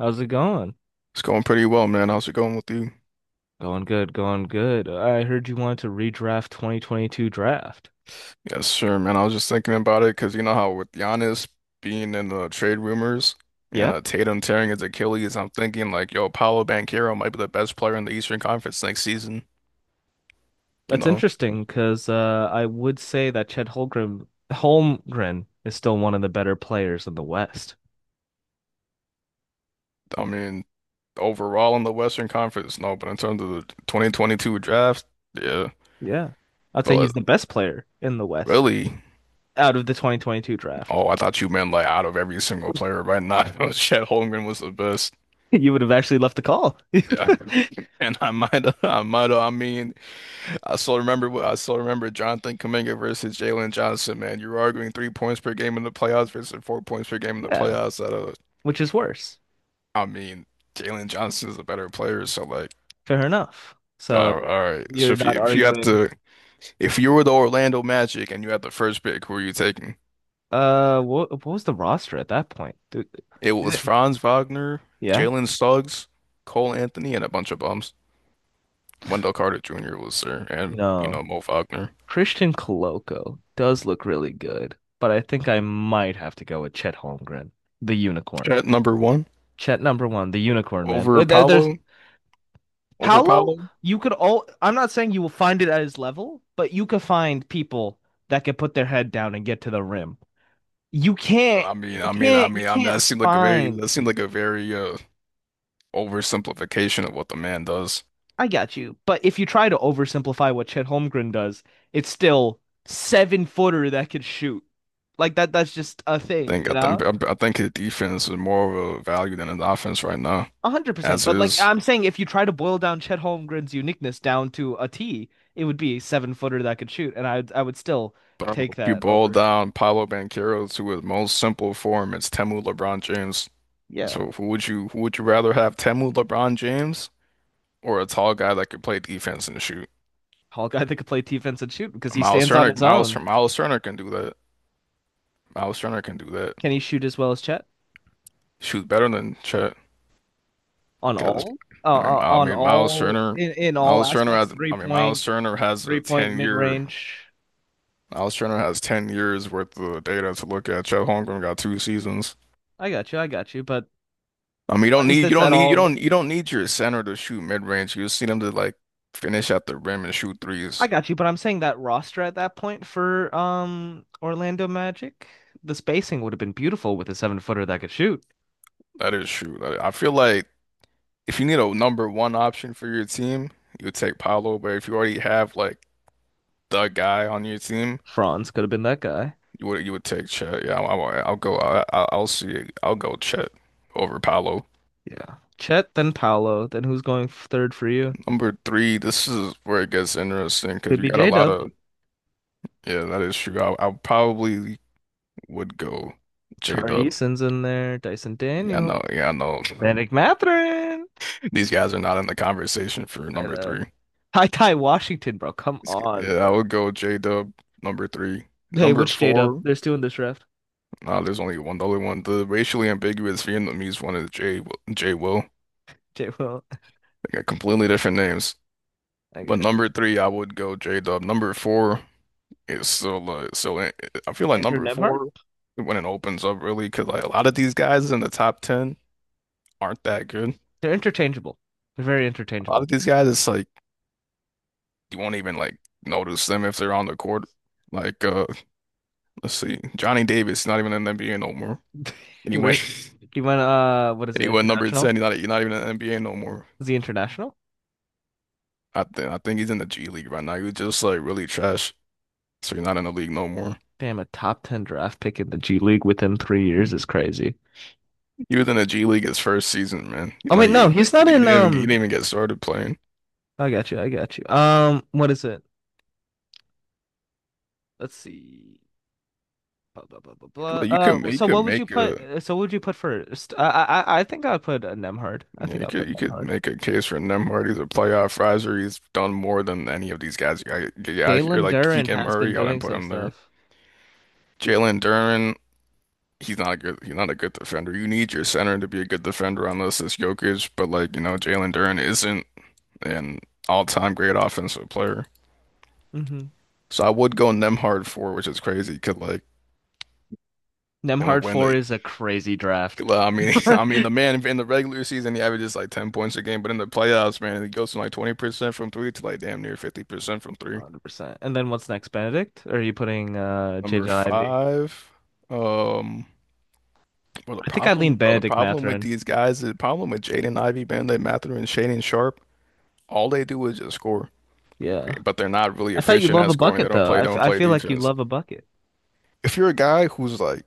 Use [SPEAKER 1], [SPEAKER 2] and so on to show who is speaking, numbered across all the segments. [SPEAKER 1] How's it going?
[SPEAKER 2] It's going pretty well, man. How's it going with you?
[SPEAKER 1] Going good, going good. I heard you wanted to redraft 2022 draft.
[SPEAKER 2] Yes, sure, man. I was just thinking about it because you know how with Giannis being in the trade rumors
[SPEAKER 1] Yeah,
[SPEAKER 2] and Tatum tearing his Achilles, I'm thinking like, yo, Paolo Banchero might be the best player in the Eastern Conference next season. You
[SPEAKER 1] that's
[SPEAKER 2] know,
[SPEAKER 1] interesting because I would say that Chet Holmgren is still one of the better players in the West.
[SPEAKER 2] I mean, overall in the Western Conference, no, but in terms of the 2022 draft, yeah.
[SPEAKER 1] Yeah, I'd say
[SPEAKER 2] But
[SPEAKER 1] he's the best player in the West
[SPEAKER 2] really,
[SPEAKER 1] out of the 2022 draft.
[SPEAKER 2] oh, I thought you meant like out of every single player, right? Not, Chet Holmgren was the best.
[SPEAKER 1] You would have actually left the call.
[SPEAKER 2] Yeah, and I might, I mean. I still remember Jonathan Kuminga versus Jalen Johnson, man. You were arguing 3 points per game in the playoffs versus 4 points per game in the
[SPEAKER 1] Yeah,
[SPEAKER 2] playoffs. That.
[SPEAKER 1] which is worse.
[SPEAKER 2] I mean, Jalen Johnson is a better player, so like,
[SPEAKER 1] Fair enough. So
[SPEAKER 2] all right. So
[SPEAKER 1] you're not arguing.
[SPEAKER 2] if you were the Orlando Magic and you had the first pick, who are you taking?
[SPEAKER 1] What was the roster at that point?
[SPEAKER 2] It
[SPEAKER 1] Did
[SPEAKER 2] was
[SPEAKER 1] it-
[SPEAKER 2] Franz Wagner,
[SPEAKER 1] Yeah.
[SPEAKER 2] Jalen Suggs, Cole Anthony, and a bunch of bums. Wendell Carter Jr. was there, and you
[SPEAKER 1] No,
[SPEAKER 2] know Mo Wagner.
[SPEAKER 1] Christian Coloco does look really good, but I think I might have to go with Chet Holmgren, the unicorn.
[SPEAKER 2] At number one,
[SPEAKER 1] Chet number one, the unicorn man. There-
[SPEAKER 2] over
[SPEAKER 1] there- There's
[SPEAKER 2] Paolo, over
[SPEAKER 1] Paolo.
[SPEAKER 2] Paolo.
[SPEAKER 1] You could all. I'm not saying you will find it at his level, but you could find people that could put their head down and get to the rim. You can't.
[SPEAKER 2] I mean,
[SPEAKER 1] You
[SPEAKER 2] I mean, I
[SPEAKER 1] can't. You
[SPEAKER 2] mean, I mean,
[SPEAKER 1] can't
[SPEAKER 2] that seemed like a very,
[SPEAKER 1] find.
[SPEAKER 2] that seemed like a very oversimplification of what the man does.
[SPEAKER 1] I got you. But if you try to oversimplify what Chet Holmgren does, it's still 7-footer that can shoot. Like that. That's just a
[SPEAKER 2] I
[SPEAKER 1] thing,
[SPEAKER 2] think,
[SPEAKER 1] you
[SPEAKER 2] I
[SPEAKER 1] know.
[SPEAKER 2] think, I think his defense is more of a value than his offense right now,
[SPEAKER 1] 100%.
[SPEAKER 2] as
[SPEAKER 1] But like
[SPEAKER 2] is.
[SPEAKER 1] I'm saying, if you try to boil down Chet Holmgren's uniqueness down to a T, it would be a 7-footer that could shoot, and I would still
[SPEAKER 2] But
[SPEAKER 1] take
[SPEAKER 2] if you
[SPEAKER 1] that
[SPEAKER 2] boil
[SPEAKER 1] over.
[SPEAKER 2] down Paolo Banchero to his most simple form, it's Temu LeBron James.
[SPEAKER 1] Yeah,
[SPEAKER 2] So who would you rather have, Temu LeBron James or a tall guy that could play defense and shoot?
[SPEAKER 1] Hawkeye that could play defense and shoot because he stands on his own.
[SPEAKER 2] Miles Turner can do that. Miles Turner can do that.
[SPEAKER 1] Can he shoot as well as Chet
[SPEAKER 2] Shoot better than Chet.
[SPEAKER 1] on
[SPEAKER 2] Because
[SPEAKER 1] all uh,
[SPEAKER 2] I mean, I
[SPEAKER 1] on
[SPEAKER 2] mean, Miles
[SPEAKER 1] all
[SPEAKER 2] Turner,
[SPEAKER 1] in all aspects? Three
[SPEAKER 2] I mean,
[SPEAKER 1] point,
[SPEAKER 2] Miles Turner has
[SPEAKER 1] three
[SPEAKER 2] a
[SPEAKER 1] point
[SPEAKER 2] 10
[SPEAKER 1] mid
[SPEAKER 2] year,
[SPEAKER 1] range.
[SPEAKER 2] Miles Turner has 10 years worth of data to look at. Chet Holmgren got 2 seasons.
[SPEAKER 1] I got you. I got you. But
[SPEAKER 2] I mean, you don't
[SPEAKER 1] is
[SPEAKER 2] need, you
[SPEAKER 1] this
[SPEAKER 2] don't
[SPEAKER 1] at
[SPEAKER 2] need,
[SPEAKER 1] all?
[SPEAKER 2] you don't need your center to shoot mid range. You just need him to like finish at the rim and shoot
[SPEAKER 1] I
[SPEAKER 2] threes.
[SPEAKER 1] got you, but I'm saying that roster at that point for Orlando Magic, the spacing would have been beautiful with a 7-footer that could shoot.
[SPEAKER 2] That is true. I feel like if you need a number one option for your team, you would take Paolo. But if you already have like the guy on your team,
[SPEAKER 1] Franz could have been that guy.
[SPEAKER 2] you would take Chet? Yeah, I'll go. I'll see. I'll go Chet over Paolo.
[SPEAKER 1] Yeah. Chet, then Paolo, then who's going third for you?
[SPEAKER 2] Number three. This is where it gets interesting because
[SPEAKER 1] Could
[SPEAKER 2] you
[SPEAKER 1] be
[SPEAKER 2] got a lot
[SPEAKER 1] J-Dub.
[SPEAKER 2] of— yeah. That is true. I probably would go J
[SPEAKER 1] Tari
[SPEAKER 2] Dub.
[SPEAKER 1] Eason's in there, Dyson
[SPEAKER 2] Yeah, I know.
[SPEAKER 1] Daniels,
[SPEAKER 2] Yeah, I know.
[SPEAKER 1] Vanek Mathurin.
[SPEAKER 2] These guys are not in the conversation for
[SPEAKER 1] I
[SPEAKER 2] number
[SPEAKER 1] know.
[SPEAKER 2] three.
[SPEAKER 1] Ty Ty Washington, bro. Come on,
[SPEAKER 2] Yeah, I
[SPEAKER 1] bro.
[SPEAKER 2] would go J Dub number three.
[SPEAKER 1] Hey,
[SPEAKER 2] Number
[SPEAKER 1] which J-Dub?
[SPEAKER 2] four.
[SPEAKER 1] There's two in this draft.
[SPEAKER 2] No, there's only one. The only one. The racially ambiguous Vietnamese one is J Will. They
[SPEAKER 1] J Will.
[SPEAKER 2] got completely different names.
[SPEAKER 1] I
[SPEAKER 2] But
[SPEAKER 1] got
[SPEAKER 2] number
[SPEAKER 1] you.
[SPEAKER 2] three, I would go J Dub. Number four is still so I feel like
[SPEAKER 1] Andrew
[SPEAKER 2] number
[SPEAKER 1] Nemhard?
[SPEAKER 2] four when it opens up really because like a lot of these guys in the top 10 aren't that good.
[SPEAKER 1] They're interchangeable. They're very
[SPEAKER 2] A lot of
[SPEAKER 1] interchangeable.
[SPEAKER 2] these guys, it's like you won't even like notice them if they're on the court. Like let's see, Johnny Davis not even in the NBA no more. Anyway,
[SPEAKER 1] We're You went, what is it?
[SPEAKER 2] number
[SPEAKER 1] International?
[SPEAKER 2] ten, he's not even in the NBA no more.
[SPEAKER 1] Is he international?
[SPEAKER 2] I think he's in the G League right now. He was just like really trash, so he's not in the league no more.
[SPEAKER 1] Damn, a top 10 draft pick in the G League within 3 years is crazy.
[SPEAKER 2] You was in the G League his first season, man.
[SPEAKER 1] Oh,
[SPEAKER 2] Like,
[SPEAKER 1] wait, no, he's
[SPEAKER 2] like you
[SPEAKER 1] not
[SPEAKER 2] didn't
[SPEAKER 1] in,
[SPEAKER 2] even you didn't even get started playing.
[SPEAKER 1] I got you, I got you. What is it? Let's see. Blah, blah, blah, blah, blah.
[SPEAKER 2] Like,
[SPEAKER 1] Uh,
[SPEAKER 2] you
[SPEAKER 1] so what
[SPEAKER 2] could
[SPEAKER 1] would you
[SPEAKER 2] make
[SPEAKER 1] put,
[SPEAKER 2] a
[SPEAKER 1] uh, so what would you put first? I think I would put Nemhard. I
[SPEAKER 2] yeah,
[SPEAKER 1] think
[SPEAKER 2] you
[SPEAKER 1] I'll
[SPEAKER 2] could
[SPEAKER 1] put
[SPEAKER 2] you could
[SPEAKER 1] Nemhard.
[SPEAKER 2] make a case for Nemhard. He's a playoff riser. He's done more than any of these guys. You got you out here
[SPEAKER 1] Jalen
[SPEAKER 2] like
[SPEAKER 1] Duren
[SPEAKER 2] Keegan
[SPEAKER 1] has been
[SPEAKER 2] Murray. I didn't
[SPEAKER 1] doing
[SPEAKER 2] put
[SPEAKER 1] some
[SPEAKER 2] him there.
[SPEAKER 1] stuff.
[SPEAKER 2] Jalen Duren. He's not a good defender. You need your center to be a good defender unless it's Jokic. But like you know, Jalen Duren isn't an all-time great offensive player.
[SPEAKER 1] hmm
[SPEAKER 2] So I would go Nemhard for, which is crazy. Cause like. And
[SPEAKER 1] Nemhard
[SPEAKER 2] when
[SPEAKER 1] 4
[SPEAKER 2] the
[SPEAKER 1] is a crazy draft.
[SPEAKER 2] Well, I mean, I mean,
[SPEAKER 1] 100%.
[SPEAKER 2] the man in the regular season he averages like 10 points a game, but in the playoffs, man, he goes from like 20% from three to like damn near 50% from three.
[SPEAKER 1] And then what's next, Benedict? Or are you putting,
[SPEAKER 2] Number
[SPEAKER 1] Jaden Ivey?
[SPEAKER 2] five, um, well, the
[SPEAKER 1] I think I
[SPEAKER 2] problem,
[SPEAKER 1] lean
[SPEAKER 2] bro, the
[SPEAKER 1] Benedict
[SPEAKER 2] problem with
[SPEAKER 1] Matherin.
[SPEAKER 2] these guys, the problem with Jaden Ivey, Bamba Mathers, and Shaedon Sharp, all they do is just score,
[SPEAKER 1] Yeah.
[SPEAKER 2] but they're not really
[SPEAKER 1] I thought you
[SPEAKER 2] efficient
[SPEAKER 1] love
[SPEAKER 2] at
[SPEAKER 1] a
[SPEAKER 2] scoring. They
[SPEAKER 1] bucket
[SPEAKER 2] don't
[SPEAKER 1] though.
[SPEAKER 2] play, they don't
[SPEAKER 1] I
[SPEAKER 2] play
[SPEAKER 1] feel like you
[SPEAKER 2] defense.
[SPEAKER 1] love a bucket.
[SPEAKER 2] If you're a guy whose like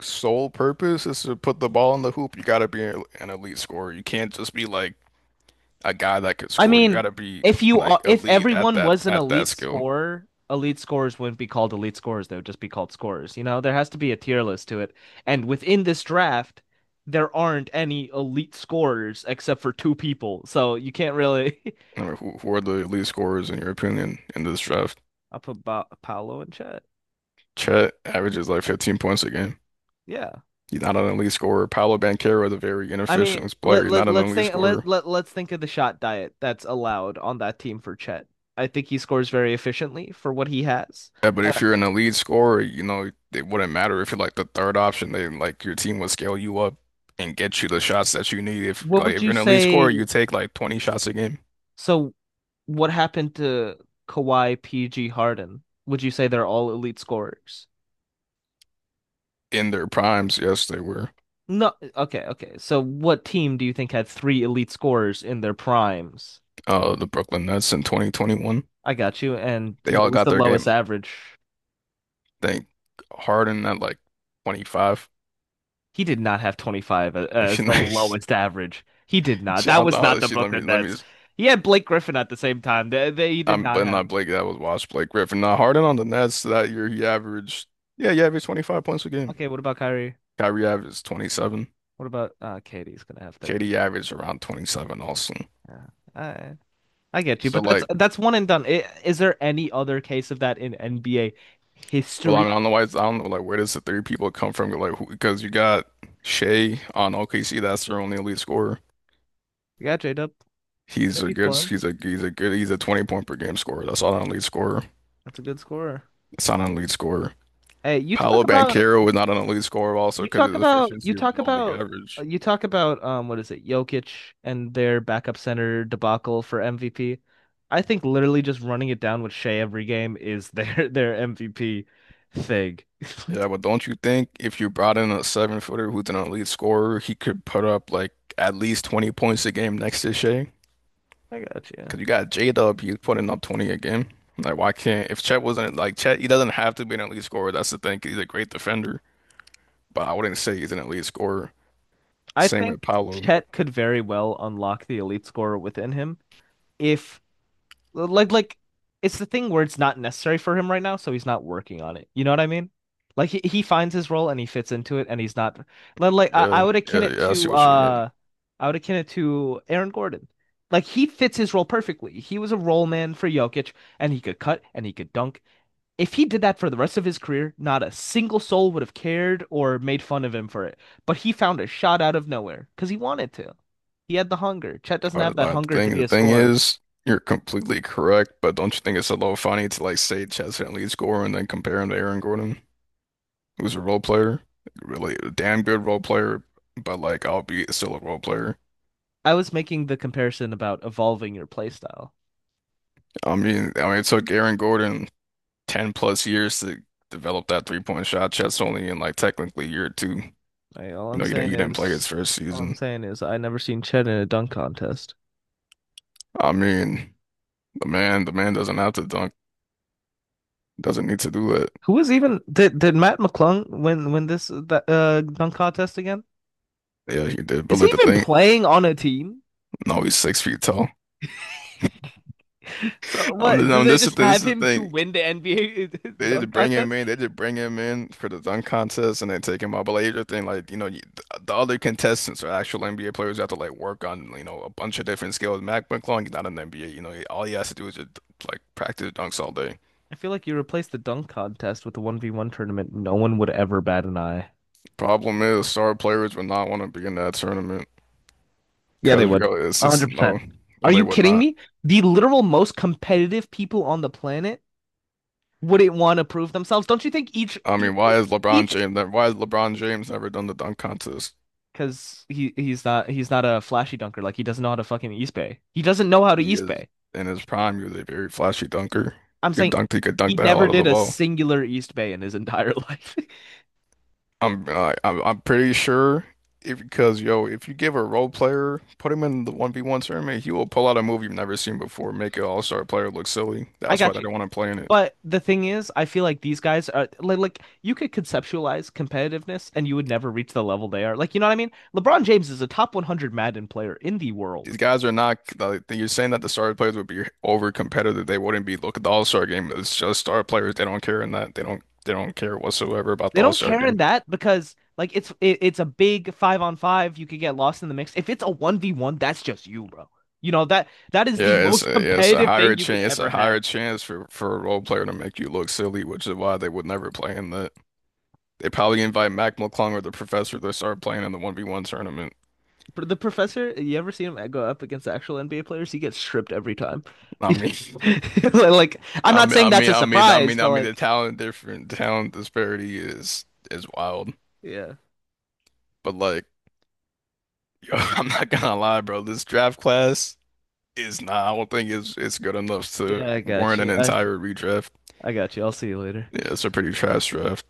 [SPEAKER 2] sole purpose is to put the ball in the hoop, you gotta be an elite scorer. You can't just be like a guy that could
[SPEAKER 1] I
[SPEAKER 2] score. You
[SPEAKER 1] mean,
[SPEAKER 2] got to be
[SPEAKER 1] if you are,
[SPEAKER 2] like
[SPEAKER 1] if
[SPEAKER 2] elite at
[SPEAKER 1] everyone
[SPEAKER 2] that
[SPEAKER 1] was an
[SPEAKER 2] at that
[SPEAKER 1] elite
[SPEAKER 2] skill.
[SPEAKER 1] scorer, elite scorers wouldn't be called elite scorers. They would just be called scorers. You know, there has to be a tier list to it. And within this draft, there aren't any elite scorers except for two people. So you can't really.
[SPEAKER 2] I mean, who are the elite scorers in your opinion in this draft?
[SPEAKER 1] I'll put Paolo in chat.
[SPEAKER 2] Chet averages like 15 points a game.
[SPEAKER 1] Yeah.
[SPEAKER 2] He's not an elite scorer. Paolo Banchero is a very
[SPEAKER 1] I mean,
[SPEAKER 2] inefficient player.
[SPEAKER 1] let
[SPEAKER 2] He's not
[SPEAKER 1] let
[SPEAKER 2] an
[SPEAKER 1] let's
[SPEAKER 2] elite
[SPEAKER 1] think let
[SPEAKER 2] scorer.
[SPEAKER 1] let let's think of the shot diet that's allowed on that team for Chet. I think he scores very efficiently for what he has.
[SPEAKER 2] Yeah, but
[SPEAKER 1] Uh,
[SPEAKER 2] if you're an elite scorer, it wouldn't matter if you're like the third option. They like your team would scale you up and get you the shots that you need. If
[SPEAKER 1] what
[SPEAKER 2] like
[SPEAKER 1] would
[SPEAKER 2] if you're
[SPEAKER 1] you
[SPEAKER 2] an elite
[SPEAKER 1] say?
[SPEAKER 2] scorer, you take like 20 shots a game.
[SPEAKER 1] So, what happened to Kawhi, PG, Harden? Would you say they're all elite scorers?
[SPEAKER 2] In their primes, yes, they were
[SPEAKER 1] No. Okay. Okay. So, what team do you think had three elite scorers in their primes?
[SPEAKER 2] the Brooklyn Nets in 2021.
[SPEAKER 1] I got you. And
[SPEAKER 2] They
[SPEAKER 1] what
[SPEAKER 2] all
[SPEAKER 1] was
[SPEAKER 2] got
[SPEAKER 1] the
[SPEAKER 2] their
[SPEAKER 1] lowest
[SPEAKER 2] game,
[SPEAKER 1] average.
[SPEAKER 2] think Harden at like 25.
[SPEAKER 1] He did not have 25
[SPEAKER 2] Like, she,
[SPEAKER 1] as the
[SPEAKER 2] nice.
[SPEAKER 1] lowest average. He did not.
[SPEAKER 2] She,
[SPEAKER 1] That
[SPEAKER 2] I
[SPEAKER 1] was
[SPEAKER 2] thought
[SPEAKER 1] not
[SPEAKER 2] that
[SPEAKER 1] the
[SPEAKER 2] she, let me
[SPEAKER 1] Brooklyn
[SPEAKER 2] let me.
[SPEAKER 1] Nets.
[SPEAKER 2] Just,
[SPEAKER 1] He had Blake Griffin at the same time. He did
[SPEAKER 2] I'm,
[SPEAKER 1] not
[SPEAKER 2] but not
[SPEAKER 1] have.
[SPEAKER 2] Blake. That was watch Blake Griffin. Now Harden on the Nets that year he averaged, yeah, he averaged 25 points a game.
[SPEAKER 1] Okay, what about Kyrie?
[SPEAKER 2] Kyrie averaged 27.
[SPEAKER 1] What about Katie's gonna have 30.
[SPEAKER 2] KD averaged around 27 also.
[SPEAKER 1] Yeah. I I get you,
[SPEAKER 2] So
[SPEAKER 1] but that's
[SPEAKER 2] like,
[SPEAKER 1] that's one and done. Is there any other case of that in NBA
[SPEAKER 2] well, I
[SPEAKER 1] history?
[SPEAKER 2] mean, I don't know like where does the three people come from, like who, because you got Shea on OKC, that's their only elite scorer.
[SPEAKER 1] Yeah, J-Dub.
[SPEAKER 2] He's
[SPEAKER 1] J-Dub
[SPEAKER 2] a
[SPEAKER 1] be
[SPEAKER 2] good
[SPEAKER 1] scoring.
[SPEAKER 2] he's a good He's a 20 point per game scorer. That's not an elite scorer.
[SPEAKER 1] That's a good scorer.
[SPEAKER 2] It's not an elite scorer.
[SPEAKER 1] Hey, you
[SPEAKER 2] Paolo
[SPEAKER 1] talk about
[SPEAKER 2] Banchero was not an elite scorer also
[SPEAKER 1] You
[SPEAKER 2] because
[SPEAKER 1] talk
[SPEAKER 2] his
[SPEAKER 1] about
[SPEAKER 2] efficiency is below league average.
[SPEAKER 1] what is it, Jokic and their backup center debacle for MVP. I think literally just running it down with Shea every game is their their MVP thing.
[SPEAKER 2] Yeah, but don't you think if you brought in a 7-footer who's an elite scorer, he could put up like at least 20 points a game next to Shea?
[SPEAKER 1] I got you.
[SPEAKER 2] Because you got J-Dub, he's putting up 20 a game. Like, why can't, if Chet wasn't like Chet, he doesn't have to be an elite scorer. That's the thing. 'Cause he's a great defender, but I wouldn't say he's an elite scorer.
[SPEAKER 1] I
[SPEAKER 2] Same with
[SPEAKER 1] think
[SPEAKER 2] Paolo.
[SPEAKER 1] Chet could very well unlock the elite scorer within him if like it's the thing where it's not necessary for him right now, so he's not working on it. You know what I mean? Like he finds his role and he fits into it and he's not. Like, I,
[SPEAKER 2] Yeah,
[SPEAKER 1] I would akin
[SPEAKER 2] yeah,
[SPEAKER 1] it
[SPEAKER 2] yeah, I see
[SPEAKER 1] to
[SPEAKER 2] what you mean.
[SPEAKER 1] Aaron Gordon. Like he fits his role perfectly. He was a role man for Jokic and he could cut and he could dunk. If he did that for the rest of his career, not a single soul would have cared or made fun of him for it. But he found a shot out of nowhere because he wanted to. He had the hunger. Chet doesn't
[SPEAKER 2] I,
[SPEAKER 1] have that
[SPEAKER 2] I
[SPEAKER 1] hunger to
[SPEAKER 2] think
[SPEAKER 1] be
[SPEAKER 2] the
[SPEAKER 1] a
[SPEAKER 2] thing
[SPEAKER 1] scorer.
[SPEAKER 2] is, you're completely correct, but don't you think it's a little funny to like say Chaz Henley score and then compare him to Aaron Gordon, who's a role player, really a damn good role player, but, like, albeit still a role player.
[SPEAKER 1] I was making the comparison about evolving your playstyle.
[SPEAKER 2] It took Aaron Gordon 10 plus years to develop that 3-point shot. Chaz only in like technically year two.
[SPEAKER 1] Like, all
[SPEAKER 2] You
[SPEAKER 1] I'm
[SPEAKER 2] know, you didn't
[SPEAKER 1] saying
[SPEAKER 2] you didn't play his
[SPEAKER 1] is,
[SPEAKER 2] first season.
[SPEAKER 1] I never seen Chet in a dunk contest.
[SPEAKER 2] I mean, the man doesn't have to dunk, doesn't need to do that.
[SPEAKER 1] Who was even did Matt McClung win this that dunk contest again?
[SPEAKER 2] Yeah, he did,
[SPEAKER 1] Is
[SPEAKER 2] but,
[SPEAKER 1] he
[SPEAKER 2] like, the
[SPEAKER 1] even
[SPEAKER 2] thing,
[SPEAKER 1] playing on a team?
[SPEAKER 2] no, he's 6 feet tall.
[SPEAKER 1] So what? Do
[SPEAKER 2] I'm
[SPEAKER 1] they
[SPEAKER 2] this is
[SPEAKER 1] just
[SPEAKER 2] the, this
[SPEAKER 1] have
[SPEAKER 2] is the
[SPEAKER 1] him to
[SPEAKER 2] thing.
[SPEAKER 1] win the NBA
[SPEAKER 2] They didn't
[SPEAKER 1] dunk
[SPEAKER 2] bring him
[SPEAKER 1] contest?
[SPEAKER 2] in. They just bring him in for the dunk contest, and they take him out. But, like, you're like you know, you, the other contestants are actual NBA players who have to like work on a bunch of different skills. Mac McClung, he's not an NBA. You know, all he has to do is just like practice dunks all day.
[SPEAKER 1] I feel like you replace the dunk contest with the 1v1 tournament, no one would ever bat an eye.
[SPEAKER 2] Problem is, star players would not want to be in that tournament
[SPEAKER 1] Yeah, they
[SPEAKER 2] because
[SPEAKER 1] would.
[SPEAKER 2] it's just, no,
[SPEAKER 1] 100%.
[SPEAKER 2] no,
[SPEAKER 1] Are
[SPEAKER 2] they
[SPEAKER 1] you
[SPEAKER 2] would
[SPEAKER 1] kidding
[SPEAKER 2] not.
[SPEAKER 1] me? The literal most competitive people on the planet wouldn't want to prove themselves. Don't you think?
[SPEAKER 2] I mean, why is LeBron
[SPEAKER 1] Each
[SPEAKER 2] James? Why has LeBron James never done the dunk contest?
[SPEAKER 1] Because he's not a flashy dunker. Like he doesn't know how to fucking East Bay. He doesn't know how to
[SPEAKER 2] He
[SPEAKER 1] East
[SPEAKER 2] is
[SPEAKER 1] Bay.
[SPEAKER 2] in his prime. He was a very flashy dunker.
[SPEAKER 1] I'm
[SPEAKER 2] He could
[SPEAKER 1] saying
[SPEAKER 2] dunk. He could
[SPEAKER 1] he
[SPEAKER 2] dunk the hell
[SPEAKER 1] never
[SPEAKER 2] out of the
[SPEAKER 1] did a
[SPEAKER 2] ball.
[SPEAKER 1] singular East Bay in his entire life.
[SPEAKER 2] I'm pretty sure if because yo, if you give a role player, put him in the 1v1 tournament, he will pull out a move you've never seen before, make an all-star player look silly.
[SPEAKER 1] I
[SPEAKER 2] That's why
[SPEAKER 1] got
[SPEAKER 2] they
[SPEAKER 1] you.
[SPEAKER 2] don't want to play in it.
[SPEAKER 1] But the thing is, I feel like these guys are like you could conceptualize competitiveness and you would never reach the level they are. Like, you know what I mean? LeBron James is a top 100 Madden player in the world.
[SPEAKER 2] These guys are not, like, you're saying that the star players would be over competitive. They wouldn't be. Look at the all-star game. It's just star players. They don't care in that. They don't care whatsoever about
[SPEAKER 1] They
[SPEAKER 2] the
[SPEAKER 1] don't
[SPEAKER 2] all-star
[SPEAKER 1] care in
[SPEAKER 2] game.
[SPEAKER 1] that because like it's a big 5-on-5. You could get lost in the mix. If it's a 1v1, that's just you, bro. You know that that is the
[SPEAKER 2] Yeah, it's
[SPEAKER 1] most
[SPEAKER 2] a, yeah, it's a
[SPEAKER 1] competitive
[SPEAKER 2] higher
[SPEAKER 1] thing you could
[SPEAKER 2] chance. It's
[SPEAKER 1] ever
[SPEAKER 2] a
[SPEAKER 1] have.
[SPEAKER 2] higher chance for a role player to make you look silly, which is why they would never play in that. They probably invite Mac McClung or the professor to start playing in the 1v1 tournament.
[SPEAKER 1] But the professor, you ever seen him go up against actual NBA players? He gets stripped every time.
[SPEAKER 2] I mean,
[SPEAKER 1] Like I'm
[SPEAKER 2] I
[SPEAKER 1] not
[SPEAKER 2] mean,
[SPEAKER 1] saying
[SPEAKER 2] I
[SPEAKER 1] that's
[SPEAKER 2] mean,
[SPEAKER 1] a
[SPEAKER 2] I mean, I
[SPEAKER 1] surprise,
[SPEAKER 2] mean, I
[SPEAKER 1] but
[SPEAKER 2] mean, the
[SPEAKER 1] like
[SPEAKER 2] talent different talent disparity is wild.
[SPEAKER 1] yeah,
[SPEAKER 2] But, like, yo, I'm not gonna lie, bro. This draft class is not— I don't think it's good enough to
[SPEAKER 1] yeah, I got
[SPEAKER 2] warrant an
[SPEAKER 1] you. I
[SPEAKER 2] entire redraft.
[SPEAKER 1] I got you. I'll see you later.
[SPEAKER 2] Yeah, it's a pretty trash draft.